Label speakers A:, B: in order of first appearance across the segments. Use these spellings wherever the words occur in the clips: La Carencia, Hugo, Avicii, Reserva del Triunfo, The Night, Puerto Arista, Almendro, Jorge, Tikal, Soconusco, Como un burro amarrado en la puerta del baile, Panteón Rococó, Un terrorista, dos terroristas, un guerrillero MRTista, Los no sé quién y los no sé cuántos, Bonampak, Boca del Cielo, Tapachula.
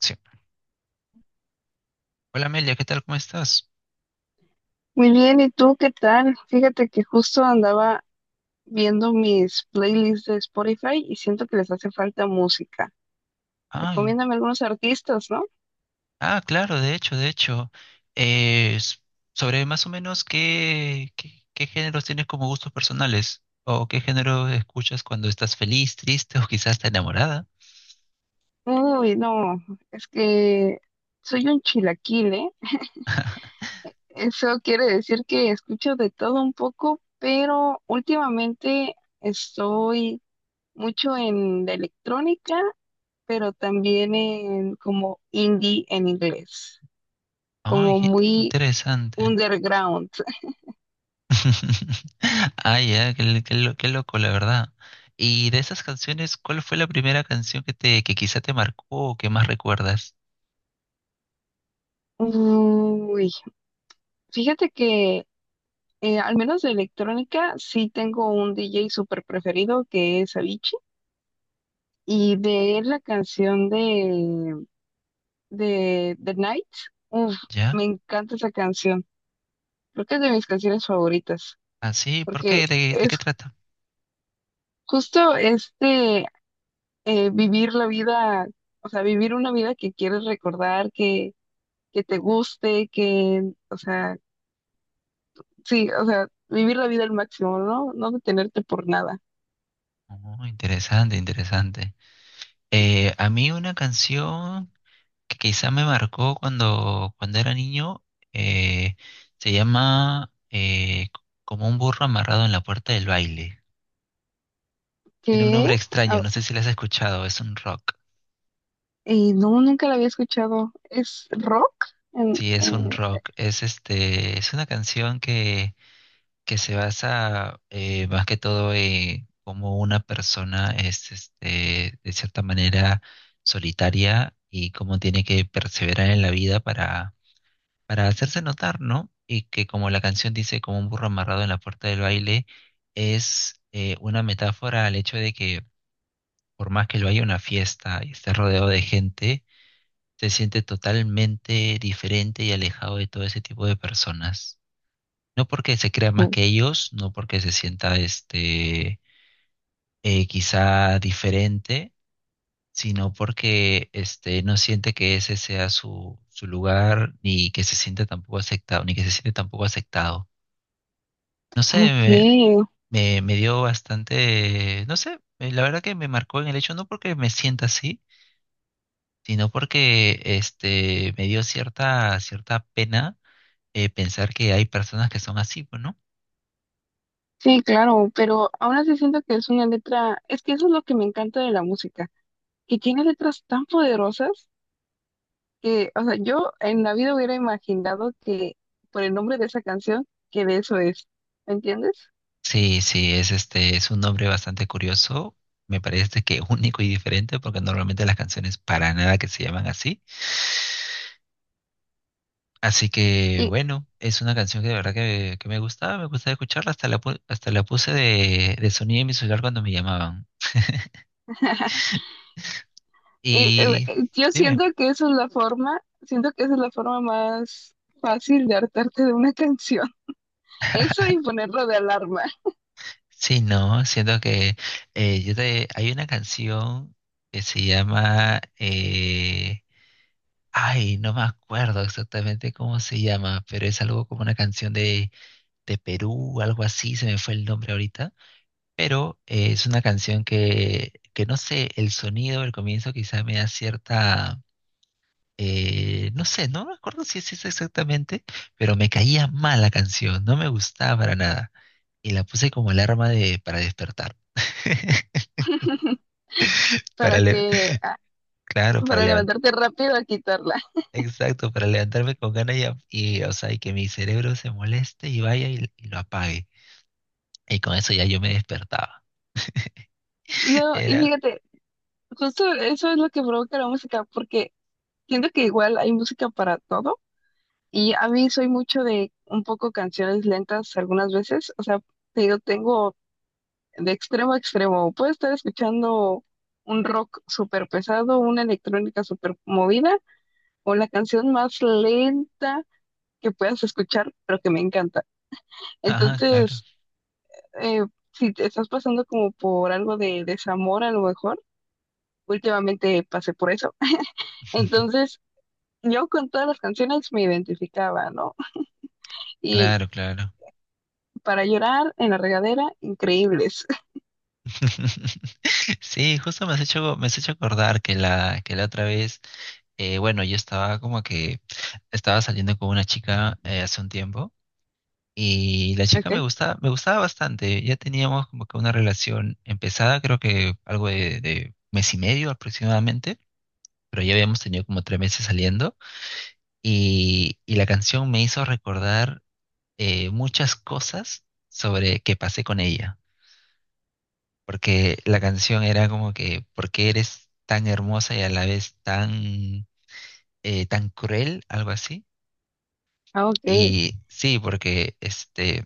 A: Sí. Hola Amelia, ¿qué tal? ¿Cómo estás?
B: Muy bien, ¿y tú qué tal? Fíjate que justo andaba viendo mis playlists de Spotify y siento que les hace falta música.
A: Ah,
B: Recomiéndame algunos artistas, ¿no?
A: claro, de hecho. Eh, s- Sobre más o menos qué géneros tienes como gustos personales o qué género escuchas cuando estás feliz, triste o quizás está enamorada.
B: Uy, no, es que soy un chilaquile. Eso quiere decir que escucho de todo un poco, pero últimamente estoy mucho en la electrónica, pero también en como indie en inglés,
A: Ay,
B: como
A: qué
B: muy
A: interesante.
B: underground.
A: Ah ya, qué loco, la verdad. Y de esas canciones, ¿cuál fue la primera canción que que quizá te marcó o que más recuerdas?
B: Uy, fíjate que al menos de electrónica sí tengo un DJ súper preferido que es Avicii y de él la canción de The Night, uf, me
A: ¿Ya?
B: encanta esa canción, creo que es de mis canciones favoritas
A: Ah, sí, ¿por
B: porque
A: qué? ¿De qué
B: es
A: trata?
B: justo este vivir la vida, o sea, vivir una vida que quieres recordar, que te guste, que, o sea, sí, o sea, vivir la vida al máximo, ¿no? No detenerte por nada.
A: Oh, interesante. A mí una canción que quizá me marcó cuando era niño eh, se llama Como un burro amarrado en la puerta del baile. Tiene un
B: ¿Qué?
A: nombre extraño, no sé si la has escuchado, es un rock.
B: No, nunca la había escuchado. ¿Es rock? En-
A: Sí, es un
B: eh,
A: rock. Es este, es una canción que se basa más que todo en cómo una persona es este, de cierta manera solitaria y cómo tiene que perseverar en la vida para hacerse notar, ¿no? Y que como la canción dice, como un burro amarrado en la puerta del baile, es una metáfora al hecho de que por más que lo haya una fiesta y esté rodeado de gente, se siente totalmente diferente y alejado de todo ese tipo de personas. No porque se crea más
B: o-
A: que ellos, no porque se sienta este quizá diferente, sino porque este no siente que ese sea su lugar, ni que se siente tampoco aceptado, ni que se siente tampoco aceptado. No sé, me,
B: ok,
A: me, me dio bastante, no sé, la verdad que me marcó en el hecho, no porque me sienta así, sino porque este me dio cierta pena pensar que hay personas que son así, pues, ¿no?
B: sí, claro, pero aún así siento que es una letra, es que eso es lo que me encanta de la música, que tiene letras tan poderosas que, o sea, yo en la vida hubiera imaginado que por el nombre de esa canción, que de eso es, ¿me entiendes?
A: Sí, es este, es un nombre bastante curioso. Me parece que único y diferente porque normalmente las canciones para nada que se llaman así. Así que
B: Y,
A: bueno, es una canción que de verdad que me gustaba escucharla, hasta la puse de sonido en mi celular cuando me llamaban.
B: y, eh,
A: Y
B: eh, yo
A: dime,
B: siento que eso es la forma, siento que esa es la forma más fácil de hartarte de una canción, eso y ponerlo de alarma.
A: sí, no, siento que hay una canción que se llama, ay, no me acuerdo exactamente cómo se llama, pero es algo como una canción de Perú, algo así, se me fue el nombre ahorita, pero es una canción que no sé, el sonido del comienzo quizá me da cierta, no sé, no me acuerdo si es eso exactamente, pero me caía mal la canción, no me gustaba para nada, y la puse como alarma para despertar, para
B: para
A: le-
B: que, ah,
A: claro, para
B: para
A: levantar.
B: levantarte rápido a quitarla.
A: Exacto, para levantarme con ganas y, o sea, y que mi cerebro se moleste y vaya y lo apague. Y con eso ya yo me despertaba.
B: No, y
A: Era,
B: fíjate, justo eso es lo que provoca la música, porque siento que igual hay música para todo, y a mí soy mucho de un poco canciones lentas algunas veces, o sea, te digo, tengo de extremo a extremo, puedo estar escuchando un rock súper pesado, una electrónica súper movida, o la canción más lenta que puedas escuchar, pero que me encanta.
A: ajá, claro.
B: Entonces, eh, si te estás pasando como por algo de desamor a lo mejor, últimamente pasé por eso. Entonces, yo con todas las canciones me identificaba, ¿no? Y
A: Claro, claro.
B: para llorar en la regadera, increíbles.
A: Sí, justo me has hecho acordar que la otra vez, bueno, yo estaba como que estaba saliendo con una chica hace un tiempo y la chica
B: Ok,
A: me gustaba bastante. Ya teníamos como que una relación empezada, creo que algo de mes y medio aproximadamente, pero ya habíamos tenido como tres meses saliendo y la canción me hizo recordar muchas cosas sobre que pasé con ella. Porque la canción era como que, ¿por qué eres tan hermosa y a la vez tan, tan cruel? Algo así.
B: ah, ok.
A: Y sí, porque este,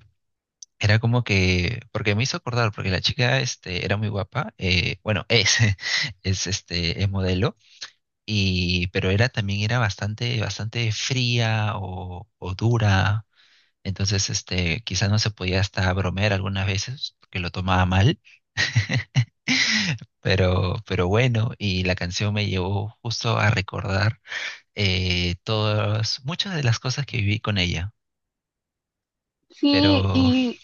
A: era como que, porque me hizo acordar, porque la chica este, era muy guapa, bueno, es, es, este, es modelo, pero era bastante fría o dura. Entonces, este, quizás no se podía hasta bromear algunas veces, porque lo tomaba mal. Pero bueno, y la canción me llevó justo a recordar muchas de las cosas que viví con ella. Pero
B: Sí, y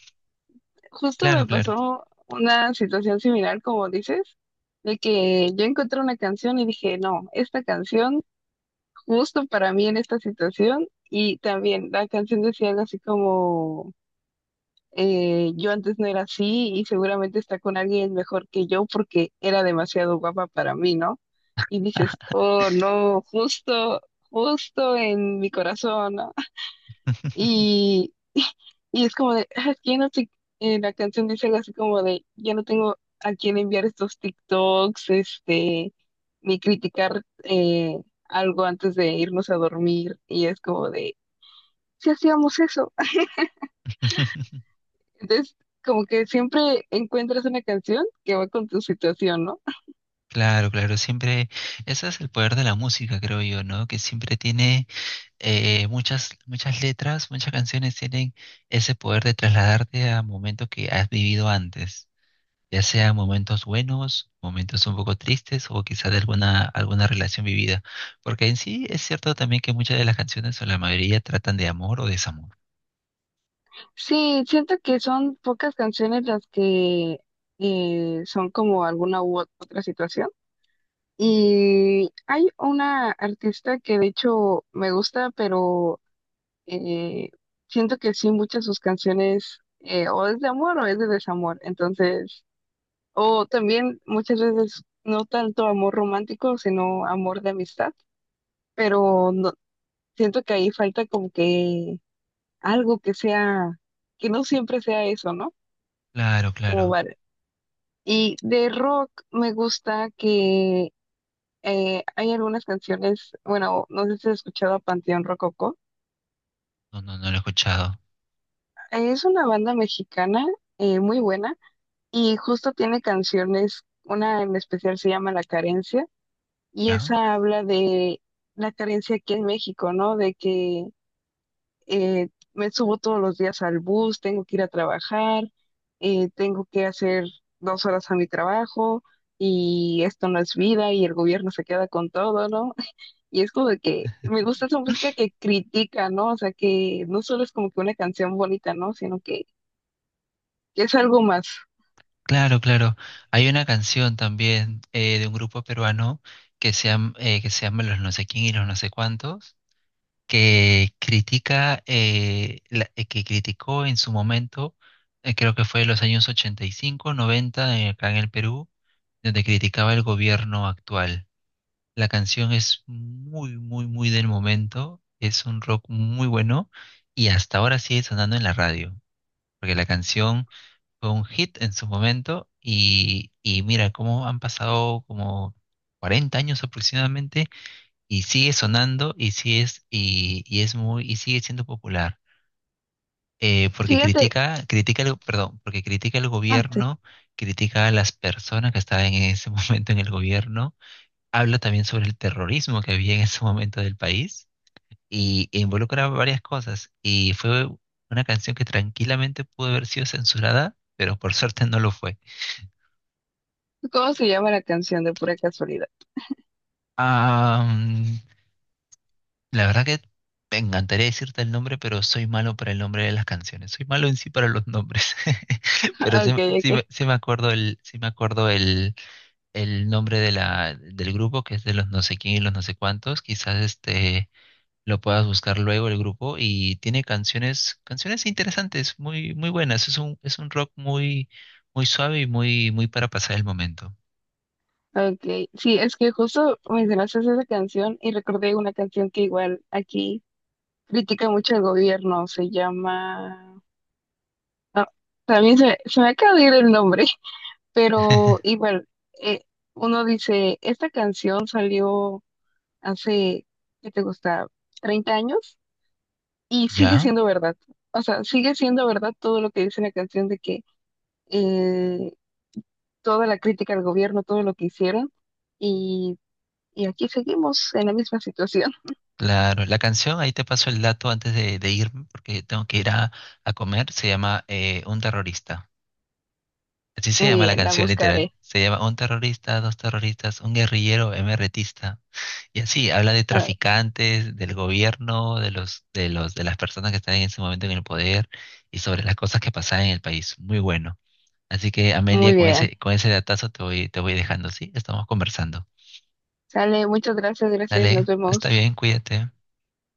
B: justo
A: claro,
B: me
A: claro.
B: pasó una situación similar, como dices, de que yo encontré una canción y dije, no, esta canción justo para mí en esta situación. Y también la canción decía algo así como yo antes no era así y seguramente está con alguien mejor que yo porque era demasiado guapa para mí, ¿no? Y dices, oh, no, justo, justo en mi corazón, ¿no? Y, y es como de, "Ah, ya no te, la canción dice algo así como de, ya no tengo a quién enviar estos TikToks, este, ni criticar algo antes de irnos a dormir. Y es como de, si hacíamos eso. Entonces, como que siempre encuentras una canción que va con tu situación, ¿no?
A: Claro, claro, siempre, ese es el poder de la música, creo yo, ¿no? Que siempre tiene muchas letras, muchas canciones tienen ese poder de trasladarte a momentos que has vivido antes. Ya sea momentos buenos, momentos un poco tristes o quizá de alguna relación vivida. Porque en sí es cierto también que muchas de las canciones o la mayoría tratan de amor o desamor.
B: Sí, siento que son pocas canciones las que son como alguna u otra situación. Y hay una artista que de hecho me gusta, pero eh, siento que sí, muchas de sus canciones o es de amor o es de desamor. Entonces, o también muchas veces no tanto amor romántico, sino amor de amistad, pero no, siento que ahí falta como que algo que sea, que no siempre sea eso, ¿no?
A: Claro,
B: Como
A: claro.
B: bar- Y de rock me gusta que hay algunas canciones, bueno, no sé si has escuchado a Panteón Rococó.
A: No, no, no lo he escuchado.
B: Es una banda mexicana muy buena y justo tiene canciones, una en especial se llama La Carencia y
A: ¿Ya?
B: esa habla de la carencia aquí en México, ¿no? De que me subo todos los días al bus, tengo que ir a trabajar, tengo que hacer 2 horas a mi trabajo y esto no es vida y el gobierno se queda con todo, ¿no? Y es como de que me gusta esa música que critica, ¿no? O sea, que no solo es como que una canción bonita, ¿no? Sino que, es algo más.
A: Claro, claro. Hay una canción también de un grupo peruano que se llama, eh, Los no sé quién y los no sé cuántos, que critica, que criticó en su momento, creo que fue en los años 85, 90, acá en el Perú, donde criticaba el gobierno actual. La canción es muy del momento, es un rock muy bueno y hasta ahora sigue sonando en la radio, porque la canción fue un hit en su momento y mira cómo han pasado como 40 años aproximadamente y sigue sonando y sí y es muy, sigue siendo popular porque
B: Fíjate.
A: critica critica el, perdón porque critica el
B: antes,
A: gobierno, critica a las personas que estaban en ese momento en el gobierno, habla también sobre el terrorismo que había en ese momento del país e involucra varias cosas y fue una canción que tranquilamente pudo haber sido censurada, pero por suerte no lo fue.
B: ¿Cómo se llama la canción de pura casualidad?
A: Ah, la verdad que me encantaría decirte el nombre, pero soy malo para el nombre de las canciones. Soy malo en sí para los nombres. Pero sí,
B: Okay,
A: sí
B: okay,
A: me sí me acuerdo el nombre de del grupo, que es de Los no sé quién y los no sé cuántos. Quizás este lo puedas buscar luego el grupo. Y tiene canciones, canciones interesantes, muy, muy buenas. Es un rock muy, muy suave y muy, muy para pasar el momento.
B: okay. Sí, es que justo mencionaste esa canción y recordé una canción que igual aquí critica mucho el gobierno, se llama... No, también se me acaba de ir el nombre, pero igual, eh, uno dice, esta canción salió hace, ¿qué te gusta? 30 años y sigue
A: ¿Ya?
B: siendo verdad. O sea, sigue siendo verdad todo lo que dice la canción de que eh, toda la crítica al gobierno, todo lo que hicieron y, y aquí seguimos en la misma situación.
A: Claro, la canción, ahí te paso el dato antes de irme, porque tengo que ir a comer, se llama Un terrorista. Así se
B: Muy
A: llama la
B: bien, la
A: canción, literal.
B: buscaré.
A: Se llama Un terrorista, dos terroristas, un guerrillero MRTista. Y así, habla de
B: Ah,
A: traficantes, del gobierno, de las personas que están en ese momento en el poder y sobre las cosas que pasan en el país. Muy bueno. Así que, Amelia,
B: muy bien.
A: con ese datazo te voy dejando, ¿sí? Estamos conversando.
B: Sale, muchas gracias, gracias, nos
A: Dale, está
B: vemos.
A: bien, cuídate.